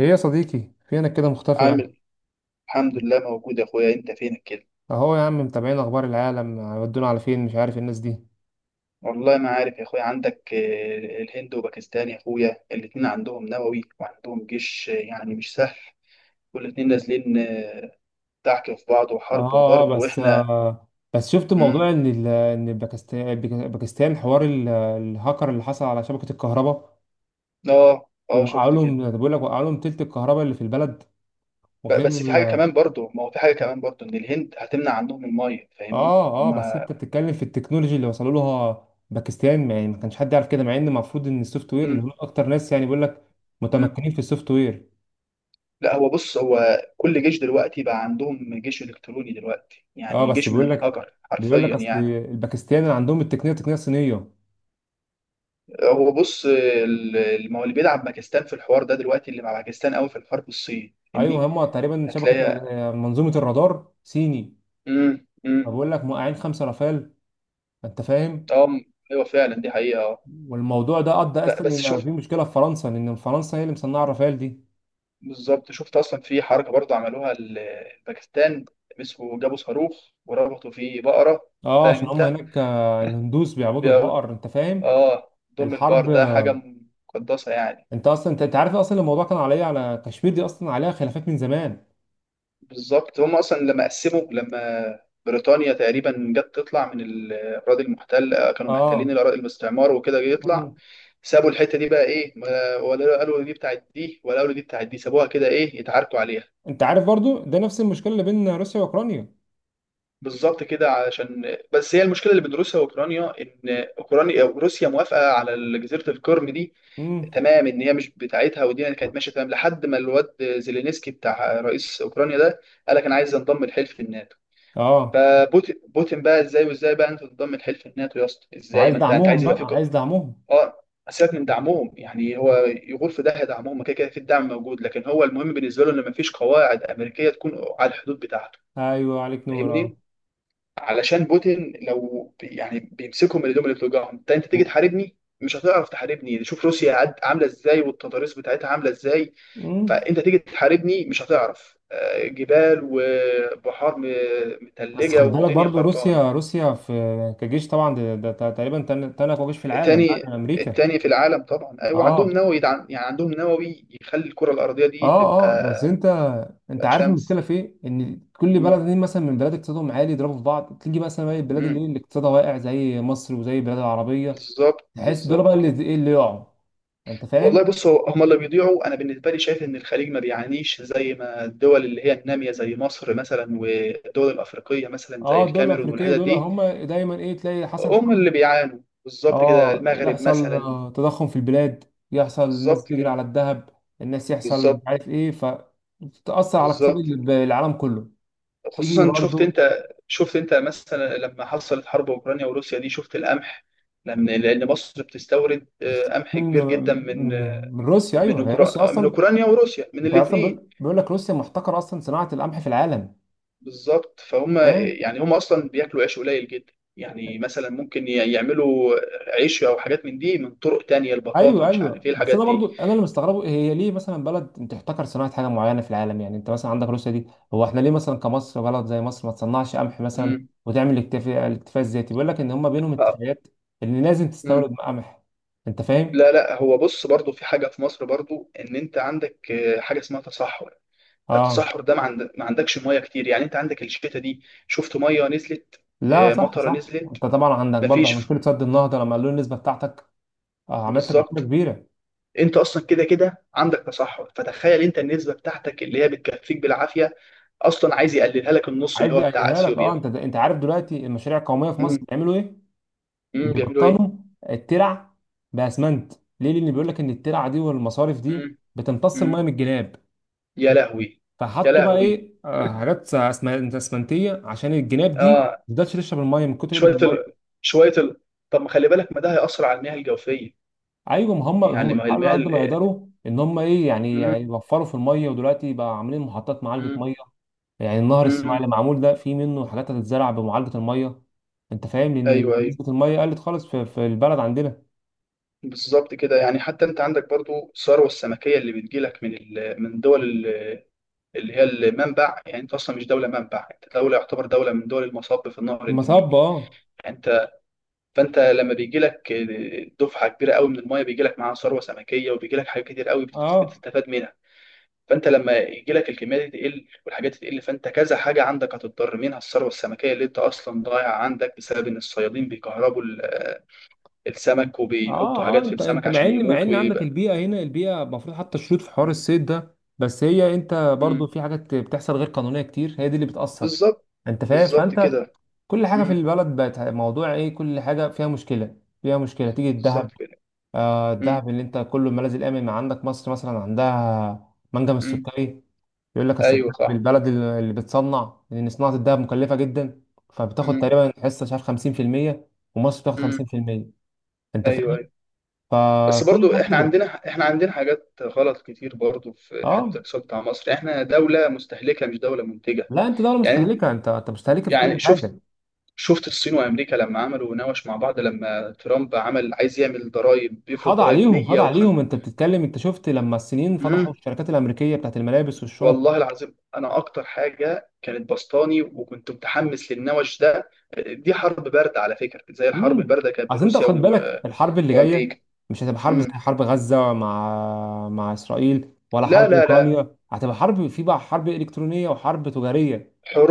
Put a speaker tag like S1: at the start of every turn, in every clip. S1: ايه يا صديقي؟ فينك كده مختفي يعني؟
S2: عامل الحمد لله موجود يا اخويا، انت فينك كده؟
S1: اهو يا عم، متابعين اخبار العالم هيودونا على فين، مش عارف الناس دي.
S2: والله ما عارف يا اخويا. عندك الهند وباكستان يا اخويا، الاتنين عندهم نووي وعندهم جيش، يعني مش سهل. والاتنين نازلين دعك في بعض وحرب
S1: اه اه
S2: وضرب،
S1: بس
S2: واحنا.
S1: آه بس شفت موضوع
S2: مم.
S1: ان ان باكستان حوار الهاكر اللي حصل على شبكة الكهرباء.
S2: اه اه
S1: وقعوا
S2: شفت كده.
S1: لهم بقول لك وقعوا لهم تلت الكهرباء اللي في البلد وغير.
S2: بس في حاجة كمان برضو، ما هو في حاجة كمان برضو ان الهند هتمنع عندهم المية، فاهمني
S1: اه بس
S2: هما؟
S1: انت بتتكلم في التكنولوجي اللي وصلوا لها باكستان، يعني ما كانش حد يعرف كده مع ان المفروض ان السوفت وير اللي
S2: مم.
S1: هم اكتر ناس يعني بقول لك
S2: مم.
S1: متمكنين في السوفت وير.
S2: لا هو بص هو كل جيش دلوقتي بقى عندهم جيش الكتروني دلوقتي،
S1: اه
S2: يعني
S1: بس
S2: جيش من
S1: بيقول لك
S2: الهجر
S1: بيقول لك
S2: حرفيا
S1: اصل
S2: يعني.
S1: الباكستان اللي عندهم التقنيه تقنيه صينيه.
S2: هو بص ما هو اللي بيلعب باكستان في الحوار ده دلوقتي، اللي مع باكستان قوي في الحرب الصين،
S1: ايوه
S2: فاهمني؟
S1: هم تقريبا شبكه،
S2: هتلاقي.
S1: منظومه الرادار صيني.
S2: امم امم
S1: فبقول لك موقعين خمسه رافال، انت فاهم.
S2: اه م- ايوه فعلا دي حقيقه اه.
S1: والموضوع ده ادى اصلا
S2: بس
S1: ان
S2: شفت،
S1: في مشكله في فرنسا، لان فرنسا هي اللي مصنعه الرافال دي.
S2: بالظبط شفت اصلا في حركه برضه عملوها باكستان مسكوا، جابوا صاروخ وربطوا فيه بقره.
S1: اه،
S2: فاهم
S1: عشان هم
S2: انت؟
S1: هناك، الهندوس بيعبدوا
S2: بيقعد-
S1: البقر، انت فاهم.
S2: اه ضم البار
S1: الحرب
S2: ده
S1: آه،
S2: حاجه مقدسه يعني.
S1: انت اصلا انت عارف اصلا الموضوع كان عليا على كشمير، دي اصلا عليها خلافات من زمان.
S2: بالظبط. هم اصلا لما قسموا لما بريطانيا تقريبا جت تطلع من الاراضي المحتله، كانوا
S1: اه.
S2: محتلين الاراضي الاستعمار وكده، جه يطلع
S1: مم.
S2: سابوا الحته دي بقى ايه، ولا قالوا دي بتاعت دي ولا قالوا دي بتاعت دي، سابوها كده ايه يتعاركوا عليها.
S1: انت عارف برضو ده نفس المشكله اللي بين روسيا واوكرانيا.
S2: بالظبط كده، علشان بس هي المشكله اللي بين روسيا واوكرانيا ان اوكرانيا روسيا موافقه على جزيره القرم دي
S1: امم.
S2: تمام، ان هي مش بتاعتها. ودي يعني كانت ماشيه تمام لحد ما الواد زيلينسكي بتاع رئيس اوكرانيا ده قال لك انا عايز انضم لحلف الناتو.
S1: اه،
S2: فبوتين بقى ازاي، وازاي بقى انت تنضم لحلف الناتو يا اسطى، ازاي؟
S1: وعايز
S2: ما انت
S1: دعمهم،
S2: عايز
S1: فاهمني
S2: يبقى فيك.
S1: بقى عايز دعمهم.
S2: اه. سيبك من دعمهم، يعني هو يغور في داهيه دعمهم، ما كده كده في الدعم موجود، لكن هو المهم بالنسبه له ان ما فيش قواعد امريكيه تكون على الحدود بتاعته،
S1: ايوه عليك نور، اه.
S2: فاهمني؟ علشان بوتين لو يعني بيمسكهم اللي هم اللي بتوجعهم. انت تيجي
S1: و-
S2: تحاربني مش هتعرف تحاربني، شوف روسيا عامله ازاي والتضاريس بتاعتها عامله ازاي.
S1: مم.
S2: فانت تيجي تحاربني مش هتعرف، جبال وبحار
S1: بس خد
S2: متلجه
S1: بالك
S2: ودنيا
S1: برضو،
S2: خربانه.
S1: روسيا في كجيش طبعا، ده تقريبا تاني اقوى جيش في العالم بعد
S2: تاني،
S1: امريكا.
S2: التاني في العالم طبعا. ايوه عندهم
S1: اه
S2: نووي يدعم، يعني عندهم نووي يخلي الكره الارضيه
S1: اه
S2: دي
S1: اه. بس
S2: تبقى
S1: انت
S2: تبقى
S1: عارف
S2: شمس.
S1: المشكله في ايه، ان كل
S2: مم.
S1: بلد دي مثلا من بلاد اقتصادهم عالي يضربوا في بعض، تيجي مثلا بقى البلاد اللي إيه،
S2: مم.
S1: اللي اقتصادها واقع زي مصر وزي البلاد العربيه،
S2: بالظبط
S1: تحس دول بقى
S2: بالظبط
S1: اللي
S2: كده.
S1: ايه اللي يقعوا، انت
S2: والله
S1: فاهم.
S2: بص هو هم اللي بيضيعوا. انا بالنسبه لي شايف ان الخليج ما بيعانيش زي ما الدول اللي هي الناميه، زي مصر مثلا والدول الافريقيه مثلا زي
S1: اه، دول
S2: الكاميرون
S1: الافريقيه
S2: والحتت
S1: دول
S2: دي،
S1: هم دايما ايه، تلاقي حصلت
S2: هم
S1: حرب،
S2: اللي بيعانوا. بالظبط كده،
S1: اه
S2: المغرب
S1: يحصل
S2: مثلا.
S1: تضخم في البلاد، يحصل الناس
S2: بالظبط
S1: تجري
S2: كده.
S1: على الذهب، الناس يحصل مش
S2: بالظبط
S1: عارف ايه، فتأثر على اقتصاد
S2: بالظبط.
S1: العالم كله. تيجي
S2: خصوصا شفت
S1: برضو.
S2: انت، شفت انت مثلا لما حصلت حرب اوكرانيا وروسيا دي، شفت القمح. لان لان مصر بتستورد
S1: بس-
S2: قمح
S1: من
S2: كبير جدا من
S1: من من روسيا. ايوه هي روسيا
S2: أوكرا... من
S1: اصلا.
S2: اوكرانيا وروسيا، من
S1: انت اصلا
S2: الاثنين.
S1: بيقول لك روسيا محتكره اصلا صناعه القمح في العالم.
S2: بالظبط. فهم يعني هم اصلا بياكلوا عيش قليل جدا، يعني مثلا ممكن يعملوا عيش او حاجات من دي، من طرق تانية، البطاطا
S1: ايوه
S2: مش
S1: ايوه،
S2: عارف ايه
S1: بس
S2: الحاجات
S1: انا
S2: دي.
S1: برضو انا اللي مستغربه، هي ليه مثلا بلد انت تحتكر صناعه حاجه معينه في العالم، يعني انت مثلا عندك روسيا دي، هو احنا ليه مثلا كمصر بلد زي مصر ما تصنعش قمح مثلا،
S2: امم
S1: وتعمل الاكتفاء الذاتي، بيقول لك ان هم بينهم
S2: ف...
S1: اتفاقات، ان لازم
S2: امم
S1: تستورد قمح، انت فاهم.
S2: لا لا هو بص برضو في حاجة في مصر برضو، ان انت عندك حاجة اسمها تصحر.
S1: اه.
S2: التصحر ده ما عندكش ميه كتير، يعني انت عندك الشتاء دي شفت ميه نزلت،
S1: لا، صح
S2: مطره
S1: صح،
S2: نزلت
S1: انت طبعا عندك برضه
S2: مفيش.
S1: مشكله سد النهضه، لما قالوا النسبه بتاعتك، عملت لك مشكله
S2: بالظبط.
S1: كبيره.
S2: انت اصلا كده كده عندك تصحر، فتخيل انت النسبه بتاعتك اللي هي بتكفيك بالعافيه اصلا عايز يقللها لك النص اللي
S1: عايز
S2: هو بتاع
S1: يقللها لك. اه،
S2: اثيوبيا.
S1: انت عارف دلوقتي المشاريع القوميه في مصر
S2: امم
S1: بيعملوا ايه؟
S2: بيعملوا ايه؟
S1: بيبطلوا الترع باسمنت. ليه؟ لان بيقول لك ان الترع دي والمصارف دي
S2: امم
S1: بتمتص الميه
S2: امم
S1: من الجناب.
S2: يا لهوي. يا
S1: فحطوا بقى
S2: لهوي.
S1: ايه، حاجات اسمنتيه عشان الجناب دي
S2: اه.
S1: ما تقدرش تشرب الميه من كتر قله
S2: شويه
S1: الميه.
S2: ال... شويه ال... طب ما خلي بالك، ما ده هيأثر على المياه الجوفيه.
S1: ايوه، ما هم
S2: يعني
S1: هم
S2: ما هي
S1: بيحاولوا
S2: المياه
S1: قد ما يقدروا ان هم ايه، يعني
S2: امم
S1: يوفروا في الميه، ودلوقتي بقى عاملين محطات معالجه
S2: امم
S1: ميه. يعني النهر الصناعي
S2: امم
S1: اللي معمول ده فيه منه حاجات هتتزرع بمعالجه الميه، انت فاهم، لان
S2: ايوه ايوه.
S1: نسبه الميه قلت خالص في البلد عندنا.
S2: بالظبط كده، يعني حتى انت عندك برضو الثروه السمكيه اللي بتجيلك من من دول اللي هي المنبع. يعني انت اصلا مش دوله منبع، انت دوله يعتبر دوله من دول المصب في نهر
S1: المصب،
S2: النيل.
S1: اه.
S2: يعني انت، فانت لما بيجي لك دفعه كبيره قوي من المايه بيجي لك معاها ثروه سمكيه، وبيجي لك حاجات كتير قوي
S1: اه
S2: بتستفاد منها. فانت لما يجي لك الكميه دي تقل والحاجات دي تقل، فانت كذا حاجه عندك هتضطر منها الثروه السمكيه اللي انت اصلا ضايعه عندك بسبب ان الصيادين بيكهربوا السمك وبيحطوا
S1: اه اه.
S2: حاجات في
S1: انت
S2: السمك عشان
S1: مع
S2: يموت
S1: ان عندك
S2: ويبقى.
S1: البيئه هنا، البيئه المفروض حتى الشروط في حوار الصيد ده، بس هي انت برضو
S2: مم.
S1: في حاجات بتحصل غير قانونيه كتير، هي دي اللي بتاثر.
S2: بالظبط.
S1: انت فاهم،
S2: بالظبط
S1: فانت
S2: كده.
S1: كل حاجه في
S2: مم.
S1: البلد بقت موضوع ايه، كل حاجه فيها مشكله، فيها مشكله. تيجي الذهب،
S2: بالظبط كده.
S1: آه
S2: مم.
S1: الذهب اللي انت كله الملاذ الامن، ما عندك مصر مثلا عندها منجم
S2: مم.
S1: السكري. يقول لك اصل
S2: ايوه
S1: الذهب
S2: صح.
S1: البلد اللي بتصنع، لان صناعه الذهب مكلفه جدا، فبتاخد
S2: مم.
S1: تقريبا حصه مش عارف 50%، ومصر بتاخد
S2: مم.
S1: 50%، انت
S2: ايوه
S1: فاهم؟
S2: ايوه. بس
S1: فكل
S2: برضو
S1: ده
S2: احنا
S1: كده.
S2: عندنا، احنا عندنا حاجات غلط كتير برضو في حته
S1: اه،
S2: الاقتصاد بتاع مصر. احنا دوله مستهلكه مش دوله منتجه.
S1: لا، انت دولة
S2: يعني،
S1: مستهلكة، انت مستهلكة في كل
S2: يعني شفت،
S1: حاجة.
S2: شفت الصين وامريكا لما عملوا نوش مع بعض، لما ترامب عمل عايز يعمل ضرائب بيفرض ضرائب
S1: خاضع عليهم
S2: 150.
S1: انت بتتكلم. انت شفت لما الصينيين فضحوا الشركات الامريكية بتاعت الملابس والشنط.
S2: والله العظيم انا اكتر حاجه كانت بسطاني وكنت متحمس للنوش ده. دي حرب بارده على فكره، زي الحرب
S1: امم.
S2: البارده كانت بين
S1: اصل انت
S2: روسيا
S1: خد بالك، الحرب اللي
S2: وامريكا.
S1: جاية مش هتبقى حرب زي
S2: امم
S1: حرب غزة مع اسرائيل، ولا
S2: لا
S1: حرب
S2: لا لا،
S1: اوكرانيا، هتبقى حرب في بقى حرب الكترونية وحرب تجارية.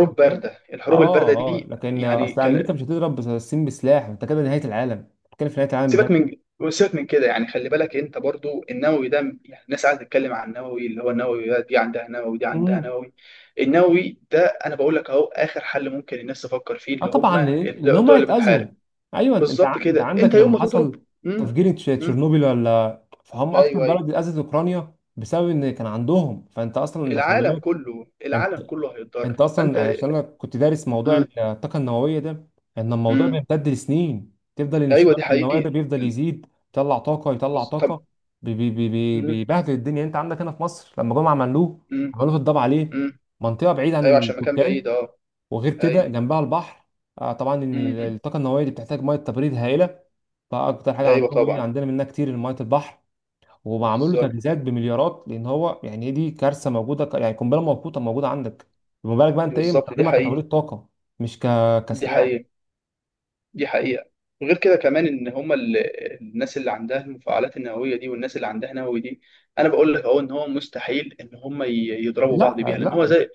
S1: انت فاهم.
S2: بارده. الحروب البارده
S1: اه اه،
S2: دي
S1: لكن
S2: يعني
S1: اصل
S2: كان.
S1: امريكا مش هتضرب الصين بسلاح، انت كده نهاية العالم، بتتكلم في نهاية العالم بجد.
S2: سيبك من، سيبك من كده، يعني خلي بالك انت برضو النووي ده، يعني الناس قاعده تتكلم عن النووي اللي هو النووي دي عندها نووي دي عندها
S1: مم.
S2: نووي. النووي ده، انا بقول لك اهو اخر حل ممكن الناس تفكر فيه،
S1: اه
S2: اللي هم
S1: طبعا، لأن هم
S2: الدول اللي بتحارب.
S1: هيتاذوا. ايوه، انت
S2: بالظبط
S1: انت
S2: كده، انت
S1: عندك
S2: يوم
S1: لما
S2: ما تضرب.
S1: حصل
S2: مم.
S1: تفجير
S2: مم.
S1: تشيرنوبيل ولا، فهم اكتر
S2: ايوه ايوه.
S1: بلد اتاذت اوكرانيا بسبب ان كان عندهم، فانت اصلا انت خلي
S2: العالم
S1: بالك.
S2: كله،
S1: انت
S2: العالم كله
S1: انت
S2: هيتضرر،
S1: اصلا
S2: فانت.
S1: يعني عشان انا كنت دارس موضوع
S2: امم
S1: الطاقه النوويه ده، ان الموضوع
S2: مم.
S1: بيمتد لسنين، تفضل
S2: ايوه
S1: الانشطار
S2: دي
S1: النووي
S2: حقيقة.
S1: ده بيفضل
S2: ال-
S1: يزيد، يطلع طاقه، يطلع طاقه.
S2: طب. مم.
S1: بيبهدل الدنيا. انت عندك هنا في مصر لما جم عملوه،
S2: مم.
S1: عملوه الضبع، عليه
S2: مم.
S1: منطقه بعيده عن
S2: ايوه عشان مكان بعيد
S1: السكان،
S2: اه.
S1: وغير كده
S2: ايوه.
S1: جنبها البحر. طبعا ان
S2: مم.
S1: الطاقه النوويه دي بتحتاج ميه تبريد هائله، فاكتر حاجه
S2: ايوه
S1: عندهم ايه،
S2: طبعا.
S1: عندنا منها كتير ميه البحر، ومعمول له
S2: بالظبط.
S1: تجهيزات بمليارات، لان هو يعني دي كارثه موجوده، يعني قنبله موقوته موجوده عندك، فما بالك بقى انت ايه
S2: بالظبط دي
S1: مستخدمها
S2: حقيقة.
S1: كتوليد طاقه مش
S2: دي
S1: كسلاح.
S2: حقيقة. دي حقيقة. غير كده كمان ان هما الناس اللي عندها المفاعلات النووية دي والناس اللي عندها نووي دي، انا بقول لك اهو ان هو مستحيل ان هما يضربوا بعض
S1: لا
S2: بيها. لان هو
S1: لا.
S2: زي،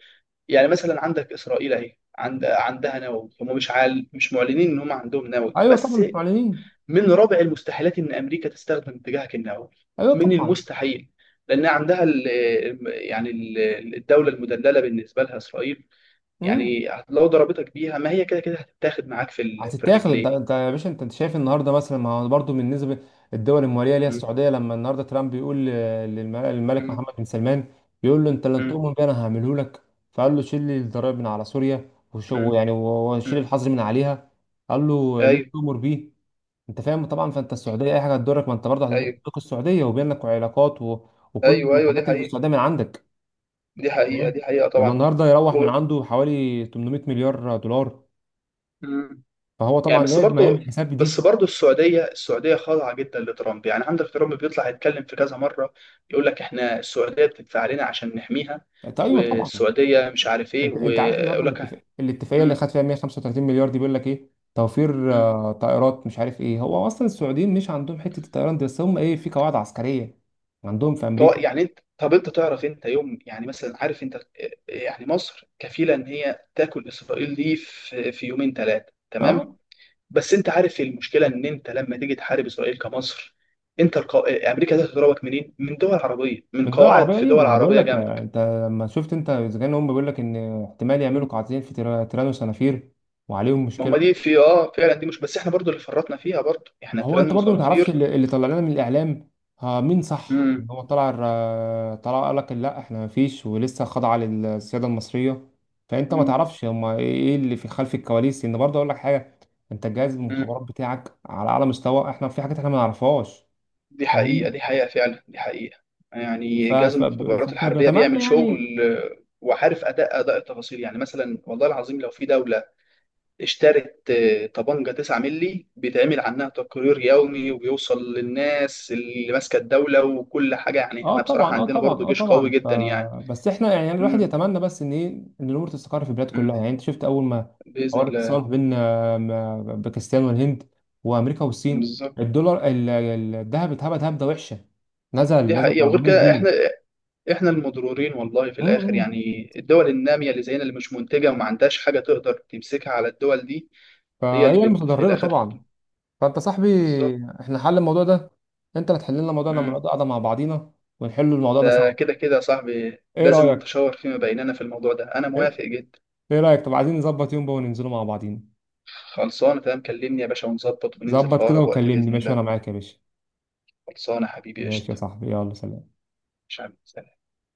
S2: يعني مثلا عندك اسرائيل اهي عندها نووي، هم مش عال مش معلنين ان هم عندهم نووي
S1: ايوه طبعا
S2: بس.
S1: مش معلنين.
S2: من رابع المستحيلات ان امريكا تستخدم اتجاهك النووي.
S1: ايوه
S2: من
S1: طبعا.
S2: المستحيل. لان عندها ال، يعني الدوله المدلله بالنسبه لها اسرائيل.
S1: مم.
S2: يعني لو ضربتك بيها ما هي كده كده هتتاخد معاك في في
S1: هتتاخد. انت
S2: الرجلين.
S1: انت يا باشا، انت شايف النهارده مثلا، ما هو برضه بالنسبه الدول المواليه ليها
S2: مم.
S1: السعوديه، لما النهارده ترامب بيقول للملك
S2: مم.
S1: محمد بن سلمان، بيقول له انت لن
S2: مم.
S1: تؤمن بي، انا هعمله لك. فقال له شيل لي الضرائب من على سوريا، وشو
S2: مم.
S1: يعني، وشيل
S2: مم.
S1: الحظر من عليها، قال له ليه
S2: ايوه
S1: تؤمر بيه. انت فاهم طبعا، فانت السعوديه اي حاجه هتضرك، ما انت برضه
S2: ايوه.
S1: هتضرك السعوديه، وبينك علاقات، و... وكل
S2: ايوه ايوه دي
S1: الحاجات اللي في
S2: حقيقه.
S1: السعوديه من عندك.
S2: دي حقيقه
S1: فاهم.
S2: دي حقيقه
S1: لما
S2: طبعا.
S1: النهارده
S2: و...
S1: يروح من عنده حوالي 800 مليار دولار،
S2: مم.
S1: فهو طبعا
S2: يعني بس
S1: لازم هيعمل
S2: برضه،
S1: حساب
S2: بس
S1: دي.
S2: برضه السعودية السعودية خاضعة جدا لترامب. يعني عندك ترامب بيطلع يتكلم في كذا مرة، يقول لك احنا السعودية بتدفع علينا عشان نحميها،
S1: طيب، ايوه طبعا،
S2: والسعودية مش عارف ايه،
S1: انت عارف النهارده
S2: ويقول لك
S1: الاتفاق الاتفاقيه اللي
S2: مم،
S1: خد فيها 135 مليار دي، بيقول لك ايه، توفير
S2: مم.
S1: طائرات مش عارف ايه، هو اصلا السعوديين مش عندهم حته الطيران دي، بس هم ايه في قواعد عسكريه عندهم في امريكا.
S2: يعني انت، طب انت تعرف انت يوم، يعني مثلا عارف انت، يعني مصر كفيلة ان هي تاكل اسرائيل دي في في يومين ثلاثة تمام.
S1: اه،
S2: بس انت عارف المشكلة ان انت لما تيجي تحارب اسرائيل كمصر، انت امريكا دي هتضربك منين؟ من دول عربيه، من
S1: من دول
S2: قواعد
S1: عربيه
S2: في
S1: ايه،
S2: دول
S1: ما انا بقول
S2: عربيه
S1: لك،
S2: جنبك.
S1: انت لما شفت انت اذا كان هم بيقول لك ان احتمال يعملوا
S2: مم.
S1: قاعدتين في تيران وسنافير، وعليهم
S2: ما هم
S1: مشكله.
S2: دي في اه فعلا، دي مش بس احنا برضو اللي فرطنا فيها برضو احنا
S1: ما هو
S2: تيران
S1: انت برضو ما تعرفش
S2: وصنافير.
S1: اللي طلع لنا من الاعلام، ها مين صح؟
S2: مم.
S1: هو طلع طلع قال لك لا، احنا ما فيش، ولسه خاضعه للسياده المصريه، فانت ما
S2: مم.
S1: تعرفش هما ايه، اللي في خلف الكواليس، لان برضو اقول لك حاجه، انت جهاز
S2: مم.
S1: المخابرات بتاعك على اعلى مستوى، احنا في حاجات احنا ما نعرفهاش.
S2: دي
S1: فاهم.
S2: حقيقة دي حقيقة فعلا دي حقيقة.
S1: ف-
S2: يعني جهاز
S1: ف-
S2: المخابرات
S1: فاحنا
S2: الحربية
S1: بنتمنى
S2: بيعمل شغل،
S1: يعني.
S2: وعارف أداء أداء التفاصيل. يعني مثلا والله العظيم لو في دولة اشترت طبنجة 9 مللي بيتعمل عنها تقرير يومي وبيوصل للناس اللي ماسكة الدولة وكل حاجة. يعني
S1: اه
S2: احنا
S1: طبعا،
S2: بصراحة
S1: اه
S2: عندنا
S1: طبعا،
S2: برضو
S1: اه
S2: جيش
S1: طبعا.
S2: قوي جدا يعني.
S1: بس احنا يعني الواحد
S2: مم.
S1: يتمنى بس ان ايه، ان الامور تستقر في البلاد كلها،
S2: مم.
S1: يعني انت شفت اول ما
S2: بإذن
S1: حوار الاتصال
S2: الله.
S1: بين باكستان والهند، وامريكا والصين،
S2: بالظبط
S1: الدولار، الذهب اتهبد هبده وحشه، نزل
S2: دي
S1: نزل ب
S2: حقيقة. وغير
S1: 400
S2: كده احنا،
S1: جنيه
S2: احنا المضرورين والله في الاخر،
S1: امم.
S2: يعني الدول الناميه اللي زينا اللي مش منتجه وما عندهاش حاجه تقدر تمسكها على الدول دي، هي
S1: فهي
S2: اللي في
S1: المتضرره
S2: الاخر.
S1: طبعا. فانت صاحبي،
S2: بالظبط.
S1: احنا حل الموضوع ده، انت اللي تحل لنا الموضوع لما
S2: مم.
S1: نقعد قاعده مع بعضينا ونحل الموضوع ده
S2: ده
S1: سوا.
S2: كده كده يا صاحبي،
S1: ايه
S2: لازم
S1: رايك؟
S2: نتشاور فيما بيننا في الموضوع ده، انا
S1: ايه
S2: موافق جدا.
S1: إيه رايك، طب عايزين نظبط يوم بقى وننزلوا مع بعضينا.
S2: خلصانه تمام، كلمني يا باشا ونظبط وننزل في
S1: ظبط كده
S2: اقرب وقت
S1: وكلمني،
S2: باذن
S1: ماشي،
S2: الله.
S1: وانا معاك يا باشا.
S2: خلصانه حبيبي
S1: ماشي يا
S2: قشطه.
S1: صاحبي، يلا سلام.
S2: مش عارف.